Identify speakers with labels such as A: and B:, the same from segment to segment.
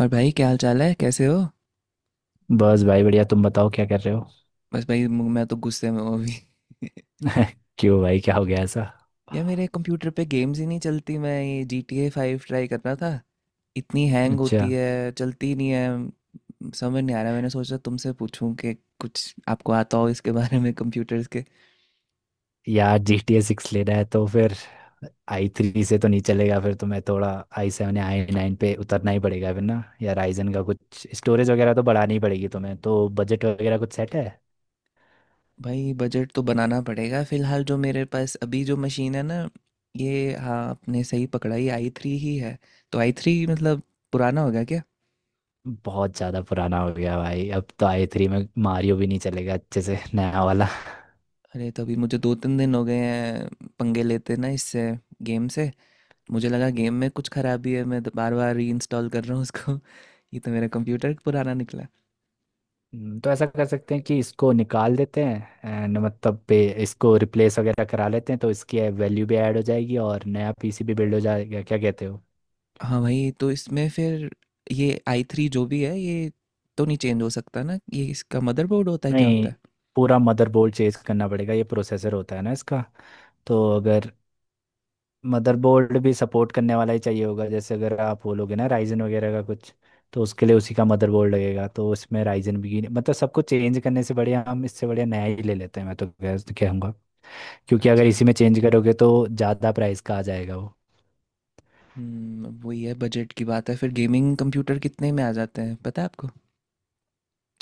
A: और भाई क्या हाल चाल है, कैसे हो।
B: बस भाई बढ़िया। तुम बताओ क्या कर रहे हो?
A: बस भाई मैं तो गुस्से में हूँ अभी।
B: क्यों भाई, क्या हो गया ऐसा?
A: यार मेरे कंप्यूटर पे गेम्स ही नहीं चलती। मैं ये GTA फाइव ट्राई कर रहा था। इतनी हैंग
B: अच्छा।
A: होती है, चलती ही नहीं है। समझ नहीं आ रहा। मैंने सोचा तुमसे पूछूं कि कुछ आपको आता हो इसके बारे में, कंप्यूटर्स के।
B: यार जी टी ए सिक्स लेना है तो फिर आई थ्री से तो नहीं चलेगा। फिर तुम्हें थोड़ा आई सेवन या आई नाइन पे उतरना ही पड़ेगा फिर ना, या राइजन का कुछ। स्टोरेज वगैरह तो बढ़ानी ही पड़ेगी तुम्हें। तो बजट वगैरह कुछ सेट है?
A: भाई बजट तो बनाना पड़ेगा। फिलहाल जो मेरे पास अभी जो मशीन है ना, ये हाँ, आपने सही पकड़ा, ये आई थ्री ही है। तो आई थ्री मतलब पुराना हो गया।
B: बहुत ज़्यादा पुराना हो गया भाई। अब तो आई थ्री में मारियो भी नहीं चलेगा अच्छे से, नया वाला।
A: अरे तो अभी मुझे 2-3 दिन हो गए हैं पंगे लेते ना इससे, गेम से। मुझे लगा गेम में कुछ खराबी है, मैं तो बार बार रीइंस्टॉल कर रहा हूँ उसको। ये तो मेरा कंप्यूटर पुराना निकला।
B: तो ऐसा कर सकते हैं कि इसको निकाल देते हैं, एंड मतलब पे इसको रिप्लेस वगैरह करा लेते हैं, तो इसकी वैल्यू भी ऐड हो जाएगी और नया पीसीबी बिल्ड हो जाएगा। क्या कहते हो?
A: हाँ भाई तो इसमें फिर ये आई थ्री जो भी है ये तो नहीं चेंज हो सकता ना। ये इसका मदरबोर्ड होता है, क्या होता
B: नहीं।
A: है?
B: पूरा मदरबोर्ड चेंज करना पड़ेगा। ये प्रोसेसर होता है ना इसका। तो अगर मदरबोर्ड भी सपोर्ट करने वाला ही चाहिए होगा जैसे, अगर आप बोलोगे ना राइजन वगैरह का कुछ, तो उसके लिए उसी का मदरबोर्ड लगेगा। तो इसमें राइजन भी मतलब सब कुछ चेंज करने से बढ़िया हम इससे बढ़िया नया ही ले लेते हैं, मैं तो कह कहूँगा। क्योंकि अगर
A: अच्छा।
B: इसी में चेंज करोगे तो ज़्यादा प्राइस का आ जाएगा वो।
A: हम्म, अब वही है, बजट की बात है। फिर गेमिंग कंप्यूटर कितने में आ जाते हैं, पता है आपको?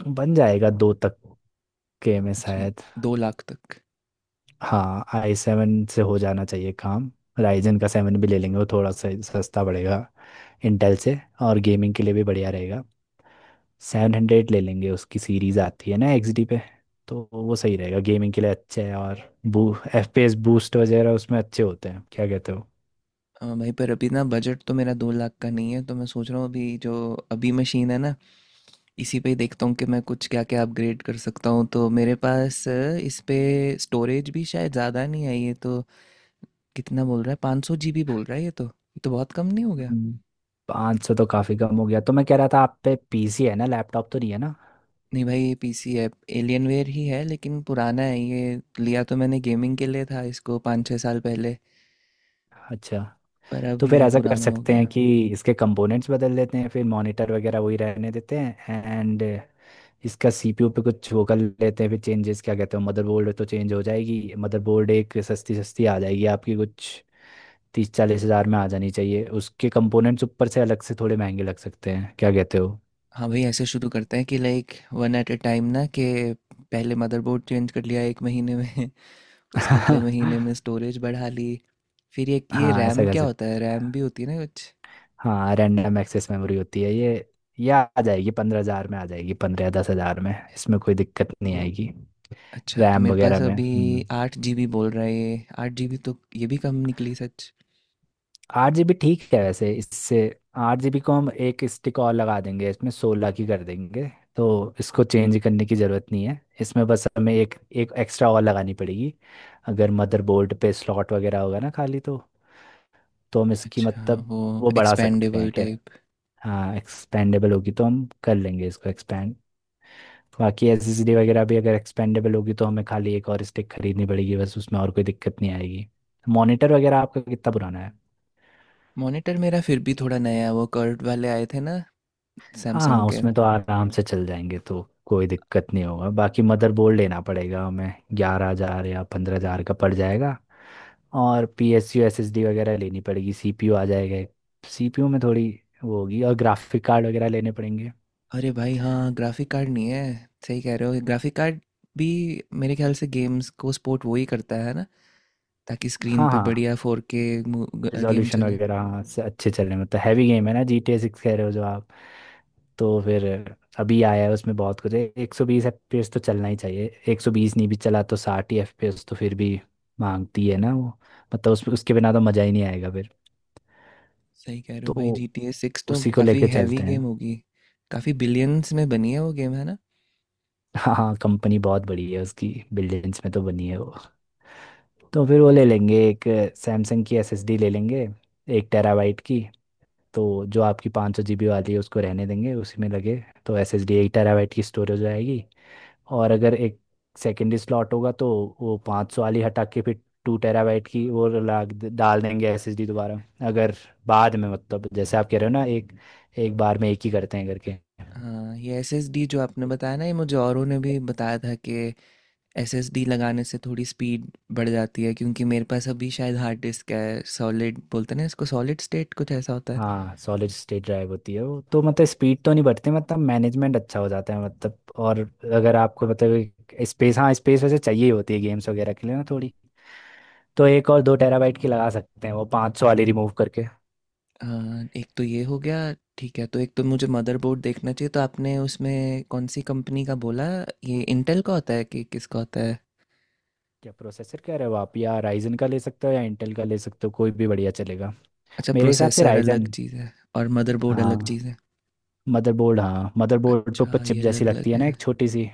B: बन जाएगा दो तक के में
A: अच्छा,
B: शायद।
A: 2 लाख तक?
B: हाँ, आई सेवन से हो जाना चाहिए काम। राइजन का सेवन भी ले लेंगे, वो थोड़ा सा सस्ता पड़ेगा इंटेल से, और गेमिंग के लिए भी बढ़िया रहेगा। 700 ले लेंगे, उसकी सीरीज आती है ना एक्सडी पे, तो वो सही रहेगा। गेमिंग के लिए अच्छा है, और बू एफपीएस बूस्ट वगैरह उसमें अच्छे होते हैं। क्या कहते हो?
A: हाँ भाई, पर अभी ना बजट तो मेरा 2 लाख का नहीं है। तो मैं सोच रहा हूँ अभी जो अभी मशीन है ना, इसी पे ही देखता हूँ कि मैं कुछ क्या क्या अपग्रेड कर सकता हूँ। तो मेरे पास इस पे स्टोरेज भी शायद ज़्यादा नहीं है। ये तो कितना बोल रहा है, 500 GB बोल रहा है। ये तो बहुत कम नहीं हो गया?
B: पाँच सौ तो काफ़ी कम हो गया। तो मैं कह रहा था, आप पे पीसी है ना, लैपटॉप तो नहीं है ना?
A: नहीं भाई, ये PC है। एलियनवेयर ही है लेकिन पुराना है। ये लिया तो मैंने गेमिंग के लिए था, इसको 5-6 साल पहले।
B: अच्छा।
A: पर अब
B: तो फिर
A: ये
B: ऐसा कर
A: पुराना हो
B: सकते हैं
A: गया।
B: कि इसके कंपोनेंट्स बदल देते हैं, फिर मॉनिटर वगैरह वही रहने देते हैं, एंड इसका सीपीयू पे कुछ वो कर लेते हैं फिर चेंजेस। क्या कहते हो? मदरबोर्ड तो चेंज हो जाएगी। मदरबोर्ड एक सस्ती सस्ती आ जाएगी आपकी, कुछ 30-40 हज़ार में आ जानी चाहिए। उसके कंपोनेंट्स ऊपर से अलग से थोड़े महंगे लग सकते हैं। क्या कहते हो?
A: हाँ भाई, ऐसे शुरू करते हैं कि like one at a time ना, कि पहले मदरबोर्ड चेंज कर लिया एक महीने में, उसके अगले
B: हाँ,
A: महीने में स्टोरेज बढ़ा ली। फिर ये
B: ऐसा
A: रैम
B: कर
A: क्या होता है,
B: सकते
A: रैम भी
B: हैं।
A: होती है ना कुछ।
B: हाँ, रैंडम एक्सेस मेमोरी होती है ये। ये आ जाएगी 15 हज़ार में, आ जाएगी 15 या 10 हज़ार में। इसमें कोई दिक्कत नहीं आएगी।
A: अच्छा, तो
B: रैम
A: मेरे पास
B: वगैरह में।
A: अभी 8 GB बोल रहा है। ये 8 GB तो ये भी कम निकली सच।
B: 8 GB ठीक है वैसे, इससे 8 GB को हम एक स्टिक और लगा देंगे, इसमें 16 की कर देंगे। तो इसको चेंज करने की ज़रूरत नहीं है। इसमें बस हमें एक एक एक्स्ट्रा और लगानी पड़ेगी, अगर मदरबोर्ड पे स्लॉट वगैरह होगा ना खाली। तो हम इसकी
A: अच्छा,
B: मतलब
A: वो
B: वो बढ़ा सकते हैं,
A: एक्सपेंडेबल
B: खैर।
A: टाइप।
B: हाँ, एक्सपेंडेबल होगी तो हम कर लेंगे इसको एक्सपेंड। बाकी एसएसडी वगैरह भी अगर एक्सपेंडेबल होगी तो हमें खाली एक और स्टिक खरीदनी पड़ेगी बस, उसमें और कोई दिक्कत नहीं आएगी। मॉनिटर वगैरह आपका कितना पुराना है?
A: मॉनिटर मेरा फिर भी थोड़ा नया है। वो कर्ट वाले आए थे ना, सैमसंग
B: हाँ,
A: के।
B: उसमें तो आराम से चल जाएंगे, तो कोई दिक्कत नहीं होगा। बाकी मदरबोर्ड लेना पड़ेगा हमें, 11 हज़ार या 15 हज़ार का पड़ जाएगा। और P S U, S S D वगैरह लेनी पड़ेगी, सी पी यू आ जाएगा। सी पी यू में थोड़ी वो होगी, और ग्राफिक कार्ड वगैरह लेने पड़ेंगे।
A: अरे भाई हाँ, ग्राफिक कार्ड नहीं है। सही कह रहे हो। ग्राफिक कार्ड भी मेरे ख्याल से गेम्स को सपोर्ट वो ही करता है ना, ताकि स्क्रीन
B: हाँ
A: पे
B: हाँ।
A: बढ़िया 4K गेम
B: रिजोल्यूशन
A: चले।
B: वगैरह, हाँ, से अच्छे चल रहे हैं। मतलब हैवी गेम है ना जी टी ए सिक्स, कह रहे हो जो आप। तो फिर अभी आया है, उसमें बहुत कुछ है। 120 FPS तो चलना ही चाहिए। 120 नहीं भी चला तो 60 ही एफ पी एस तो फिर भी मांगती है ना वो। मतलब उस उसके बिना तो मज़ा ही नहीं आएगा फिर।
A: सही कह रहे हो भाई,
B: तो
A: जी टी ए सिक्स तो
B: उसी को
A: काफ़ी
B: लेके
A: हैवी
B: चलते हैं।
A: गेम होगी। काफ़ी बिलियंस में बनी है वो, गेम है ना।
B: हाँ हाँ, कंपनी बहुत बड़ी है उसकी, बिलियंस में तो बनी है वो। तो फिर वो ले लेंगे एक, सैमसंग की एस एस डी ले लेंगे 1 टेराबाइट की। तो जो आपकी 500 GB वाली है उसको रहने देंगे, उसी में लगे। तो S S D eight terabyte की स्टोरेज आएगी। और अगर एक सेकेंडरी स्लॉट होगा तो वो पाँच सौ वाली हटा के फिर 2 टेराबाइट की वो ला डाल देंगे एस एस डी, दोबारा, अगर बाद में, मतलब जैसे आप कह रहे हो ना, एक एक बार में एक ही करते हैं करके।
A: हाँ, ये SSD जो आपने बताया ना, ये मुझे औरों ने भी बताया था कि एस एस डी लगाने से थोड़ी स्पीड बढ़ जाती है, क्योंकि मेरे पास अभी शायद हार्ड डिस्क है। सॉलिड बोलते हैं ना इसको, सॉलिड स्टेट कुछ ऐसा होता है।
B: हाँ, सॉलिड स्टेट ड्राइव होती है वो तो, मतलब स्पीड तो नहीं बढ़ती, मतलब मैनेजमेंट अच्छा हो जाता है मतलब। और अगर आपको मतलब स्पेस, हाँ, स्पेस वैसे चाहिए ही होती है गेम्स वगैरह के लिए ना थोड़ी। तो एक और 2 टेराबाइट की लगा सकते हैं वो 500 वाली रिमूव करके।
A: हाँ, एक तो ये हो गया। ठीक है, तो एक तो मुझे मदरबोर्ड देखना चाहिए। तो आपने उसमें कौन सी कंपनी का बोला, ये इंटेल का होता है कि किसका होता है?
B: क्या प्रोसेसर कह रहे हो आप? या राइजन का ले सकते हो या इंटेल का ले सकते हो, कोई भी बढ़िया चलेगा।
A: अच्छा,
B: मेरे हिसाब से
A: प्रोसेसर अलग
B: राइजन।
A: चीज़ है और मदरबोर्ड अलग
B: हाँ।
A: चीज़ है।
B: मदरबोर्ड, हाँ, मदरबोर्ड पे ऊपर
A: अच्छा,
B: चिप
A: ये
B: जैसी
A: अलग
B: लगती
A: अलग
B: है ना एक
A: है।
B: छोटी सी।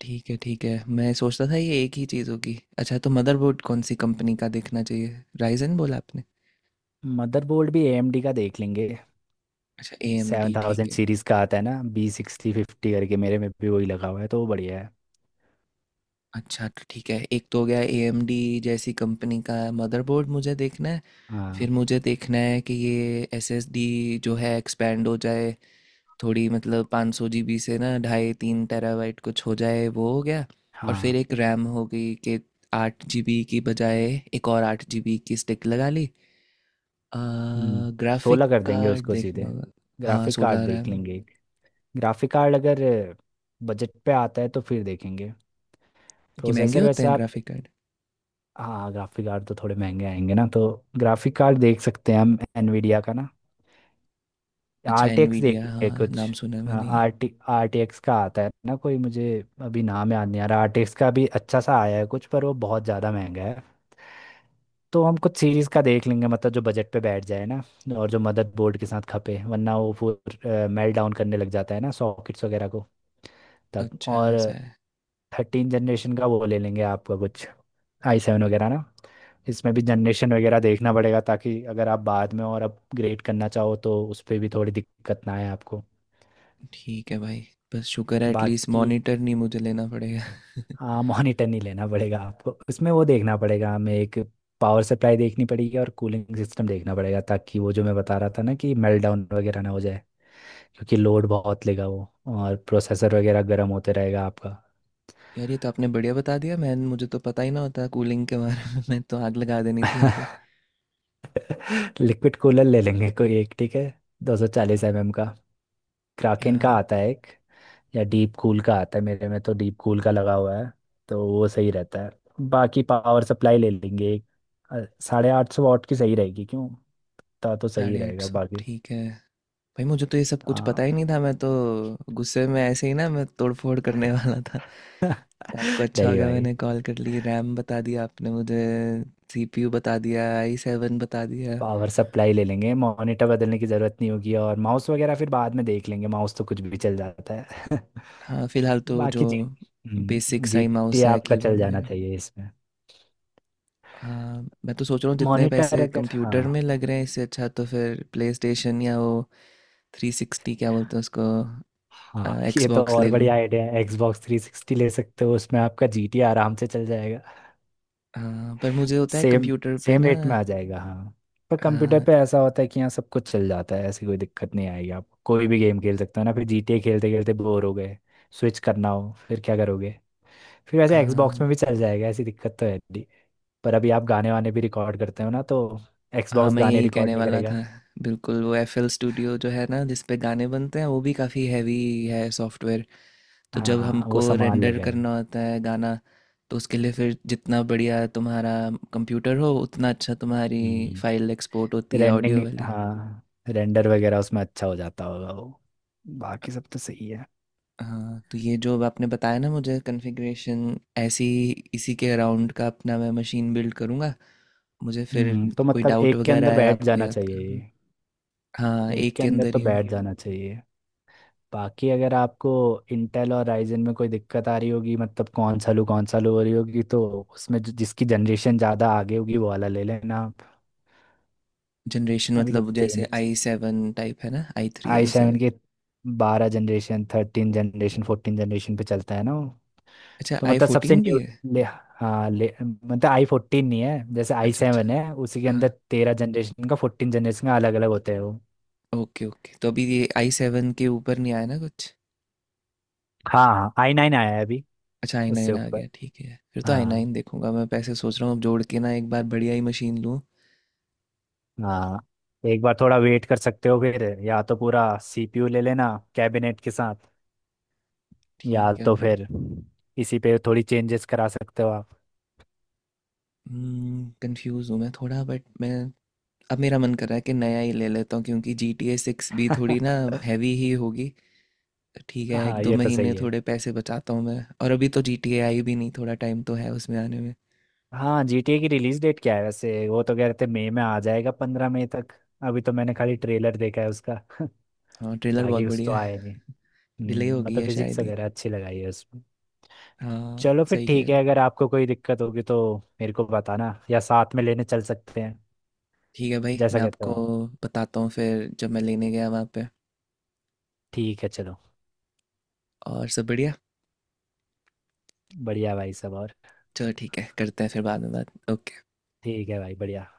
A: ठीक है ठीक है, मैं सोचता था ये एक ही चीज़ होगी। अच्छा, तो मदरबोर्ड कौन सी कंपनी का देखना चाहिए, राइजन बोला आपने?
B: मदरबोर्ड भी एएमडी का देख लेंगे।
A: अच्छा, ए एम
B: सेवन
A: डी ठीक
B: थाउजेंड
A: है।
B: सीरीज का आता है ना B650 करके, मेरे में भी वही लगा हुआ है, तो वो बढ़िया है।
A: अच्छा तो ठीक है, एक तो हो गया, ए एम डी जैसी कंपनी का मदरबोर्ड मुझे देखना है। फिर
B: हाँ
A: मुझे देखना है कि ये एस एस डी जो है एक्सपेंड हो जाए थोड़ी, मतलब 500 GB से ना ढाई तीन टेराबाइट कुछ हो जाए, वो हो गया। और फिर
B: हाँ।
A: एक रैम हो गई कि आठ जी बी की बजाय एक और 8 GB की स्टिक लगा ली।
B: हम्म
A: ग्राफिक
B: सोलह कर देंगे
A: कार्ड
B: उसको सीधे।
A: देखना होगा। हाँ,
B: ग्राफिक कार्ड
A: 16
B: देख
A: रैम।
B: लेंगे। ग्राफिक कार्ड अगर बजट पे आता है तो फिर देखेंगे।
A: कि महंगे
B: प्रोसेसर
A: होते
B: वैसे
A: हैं
B: आप।
A: Graphic card?
B: हाँ, ग्राफिक कार्ड तो थोड़े महंगे आएंगे ना। तो ग्राफिक कार्ड देख सकते हैं हम एनवीडिया का ना।
A: अच्छा,
B: आर टी एक्स देख
A: एनवीडिया,
B: लेंगे
A: हाँ
B: कुछ।
A: नाम सुना है मैंने ये।
B: आर टी एक्स का आता है ना कोई, मुझे अभी नाम याद नहीं आ रहा। आर टी एक्स का भी अच्छा सा आया है कुछ, पर वो बहुत ज़्यादा महंगा है। तो हम कुछ सीरीज़ का देख लेंगे, मतलब जो बजट पे बैठ जाए ना, और जो मदर बोर्ड के साथ खपे, वरना वो फिर मेल्ट डाउन करने लग जाता है ना सॉकेट्स वगैरह को तब।
A: अच्छा,
B: और
A: ऐसा है।
B: 13 जनरेशन का वो ले लेंगे आपका कुछ, आई सेवन वगैरह ना। इसमें भी जनरेशन वगैरह देखना पड़ेगा, ताकि अगर आप बाद में और अपग्रेड करना चाहो तो उस पर भी थोड़ी दिक्कत ना आए आपको।
A: ठीक है भाई, बस शुक्र है एटलीस्ट
B: बाकी,
A: मॉनिटर नहीं मुझे लेना पड़ेगा।
B: हाँ, मॉनिटर नहीं लेना पड़ेगा आपको। उसमें वो देखना पड़ेगा हमें, एक पावर सप्लाई देखनी पड़ेगी और कूलिंग सिस्टम देखना पड़ेगा, ताकि वो जो मैं बता रहा था ना कि मेल्ट डाउन वगैरह ना हो जाए। क्योंकि लोड बहुत लेगा वो, और प्रोसेसर वगैरह गर्म होते रहेगा आपका।
A: यार ये तो आपने बढ़िया बता दिया। मैं मुझे तो पता ही ना होता कूलिंग के बारे में। मैं तो आग लगा देनी थी यहाँ पे।
B: लिक्विड कूलर ले लेंगे कोई एक, ठीक है। 240 mm का। क्राकेन का
A: यहाँ
B: आता है एक, या डीप कूल का आता है, मेरे में तो डीप कूल का लगा हुआ है, तो वो सही रहता है। बाकी पावर सप्लाई ले लेंगे एक, 850 वाट की सही रहेगी, क्यों। ता तो सही
A: साढ़े आठ
B: रहेगा
A: सौ
B: बाकी।
A: ठीक है। भाई मुझे तो ये सब कुछ पता
B: हाँ।
A: ही नहीं था। मैं तो गुस्से में ऐसे ही ना, मैं तोड़फोड़ करने वाला था। आपको अच्छा हो
B: नहीं
A: गया,
B: भाई।
A: मैंने कॉल कर ली। रैम बता दिया आपने मुझे, सीपीयू बता दिया, आई सेवन बता दिया।
B: पावर सप्लाई ले लेंगे, मॉनिटर बदलने की ज़रूरत नहीं होगी, और माउस वगैरह फिर बाद में देख लेंगे, माउस तो कुछ भी चल जाता है।
A: हाँ फिलहाल तो जो
B: बाकी जी।
A: बेसिक
B: हम्म,
A: सा
B: जी
A: ही
B: टी
A: माउस है,
B: आपका चल
A: कीबोर्ड
B: जाना
A: मेरा।
B: चाहिए इसमें।
A: हाँ, मैं तो सोच रहा हूँ जितने
B: मॉनिटर
A: पैसे
B: अगर,
A: कंप्यूटर
B: हाँ,
A: में लग रहे हैं, इससे अच्छा तो फिर प्ले स्टेशन या वो थ्री सिक्सटी क्या बोलते हैं उसको,
B: हाँ, ये तो
A: एक्सबॉक्स
B: और
A: ले लूँ।
B: बढ़िया आइडिया है। Xbox 360 ले सकते हो, उसमें आपका जी टी आराम से चल जाएगा।
A: हाँ पर मुझे होता है
B: सेम
A: कंप्यूटर पे
B: सेम
A: ना।
B: रेट में आ जाएगा, हाँ। पर कंप्यूटर पे ऐसा होता है कि यहाँ सब कुछ चल जाता है, ऐसी कोई दिक्कत नहीं आएगी आपको। कोई भी गेम खेल सकते हो ना, फिर जी टी ए खेलते खेलते बोर हो गए, स्विच करना हो, फिर क्या करोगे? फिर
A: आ,
B: वैसे एक्सबॉक्स में भी चल जाएगा, ऐसी दिक्कत तो है नहीं। पर अभी आप गाने वाने भी रिकॉर्ड करते हो ना, तो
A: हाँ
B: एक्सबॉक्स
A: मैं
B: गाने
A: यही
B: रिकॉर्ड
A: कहने
B: नहीं
A: वाला
B: करेगा।
A: था। बिल्कुल, वो FL स्टूडियो जो है ना, जिस पे गाने बनते हैं, वो भी काफ़ी हैवी है सॉफ्टवेयर। तो जब
B: हाँ, वो
A: हमको
B: संभाल
A: रेंडर
B: लेगा ये।
A: करना होता है गाना, तो उसके लिए फिर जितना बढ़िया तुम्हारा कंप्यूटर हो उतना अच्छा तुम्हारी
B: हम्म
A: फाइल एक्सपोर्ट होती है,
B: रेंडिंग
A: ऑडियो वाली।
B: हाँ, रेंडर वगैरह उसमें अच्छा हो जाता होगा वो। बाकी सब तो सही है।
A: हाँ तो ये जो अब आपने बताया ना मुझे कॉन्फ़िगरेशन ऐसी, इसी के अराउंड का अपना मैं मशीन बिल्ड करूँगा। मुझे फिर
B: तो
A: कोई
B: मतलब
A: डाउट
B: एक के
A: वगैरह
B: अंदर
A: है,
B: बैठ
A: आपको
B: जाना
A: याद
B: चाहिए ये।
A: करना। हाँ,
B: एक
A: एक
B: के
A: के
B: अंदर
A: अंदर
B: तो
A: ही हो।
B: बैठ जाना चाहिए। बाकी अगर आपको इंटेल और राइजन में कोई दिक्कत आ रही होगी, मतलब कौन सा लूँ हो रही होगी, तो उसमें जिसकी जनरेशन ज़्यादा आगे होगी वो वाला ले लेना।
A: जनरेशन
B: अभी तो
A: मतलब
B: सेम
A: जैसे
B: ही।
A: आई सेवन टाइप है ना, I three,
B: I
A: I seven.
B: Seven के 12 जनरेशन, 13 जनरेशन, 14 जनरेशन पे चलता है ना वो।
A: अच्छा,
B: तो
A: आई
B: मतलब सबसे
A: फोर्टीन भी
B: न्यू
A: है।
B: ले। हाँ, ले, मतलब आई फोर्टीन नहीं है, जैसे आई
A: अच्छा अच्छा,
B: सेवन है उसी के अंदर
A: हाँ।
B: 13 जनरेशन का, 14 जनरेशन का, अलग अलग होते हैं वो।
A: ओके ओके, तो अभी ये आई सेवन के ऊपर नहीं आया ना कुछ?
B: हाँ हाँ, आई नाइन आया है अभी,
A: अच्छा, आई
B: उससे
A: नाइन आ
B: ऊपर।
A: गया। ठीक है, फिर तो आई
B: हाँ
A: नाइन देखूंगा। मैं पैसे सोच रहा हूँ अब जोड़ के ना, एक बार बढ़िया ही मशीन लूँ।
B: हाँ। एक बार थोड़ा वेट कर सकते हो फिर, या तो पूरा सीपीयू ले लेना कैबिनेट के साथ, या
A: ठीक है
B: तो
A: भाई,
B: फिर इसी पे थोड़ी चेंजेस करा सकते हो आप।
A: कंफ्यूज हूँ मैं थोड़ा, बट मैं अब मेरा मन कर रहा है कि नया ही ले लेता हूँ, क्योंकि जी टी ए सिक्स भी थोड़ी ना हैवी ही होगी। ठीक है, एक
B: हाँ,
A: दो
B: ये तो
A: महीने
B: सही है।
A: थोड़े पैसे बचाता हूँ मैं। और अभी तो जी टी ए आई भी नहीं, थोड़ा टाइम तो है उसमें आने में।
B: हाँ, जीटीए की रिलीज डेट क्या है वैसे? वो तो कह रहे थे मई में आ जाएगा, 15 मई तक। अभी तो मैंने खाली ट्रेलर देखा है उसका।
A: हाँ ट्रेलर बहुत
B: बाकी कुछ तो
A: बढ़िया है।
B: आया नहीं।
A: डिले हो गई
B: मतलब
A: है
B: फिजिक्स
A: शायद ये।
B: वगैरह अच्छी लगाई है उसमें।
A: हाँ
B: चलो फिर
A: सही कह
B: ठीक
A: रहे
B: है।
A: हैं।
B: अगर आपको कोई दिक्कत होगी तो मेरे को बताना, या साथ में लेने चल सकते हैं
A: ठीक है भाई, मैं
B: जैसा कहते हो
A: आपको
B: आप।
A: बताता हूँ फिर जब मैं लेने गया वहाँ पे।
B: ठीक है चलो।
A: और सब बढ़िया।
B: बढ़िया भाई, सब और?
A: चलो ठीक है, करते हैं फिर बाद में बात। ओके।
B: ठीक है भाई, बढ़िया।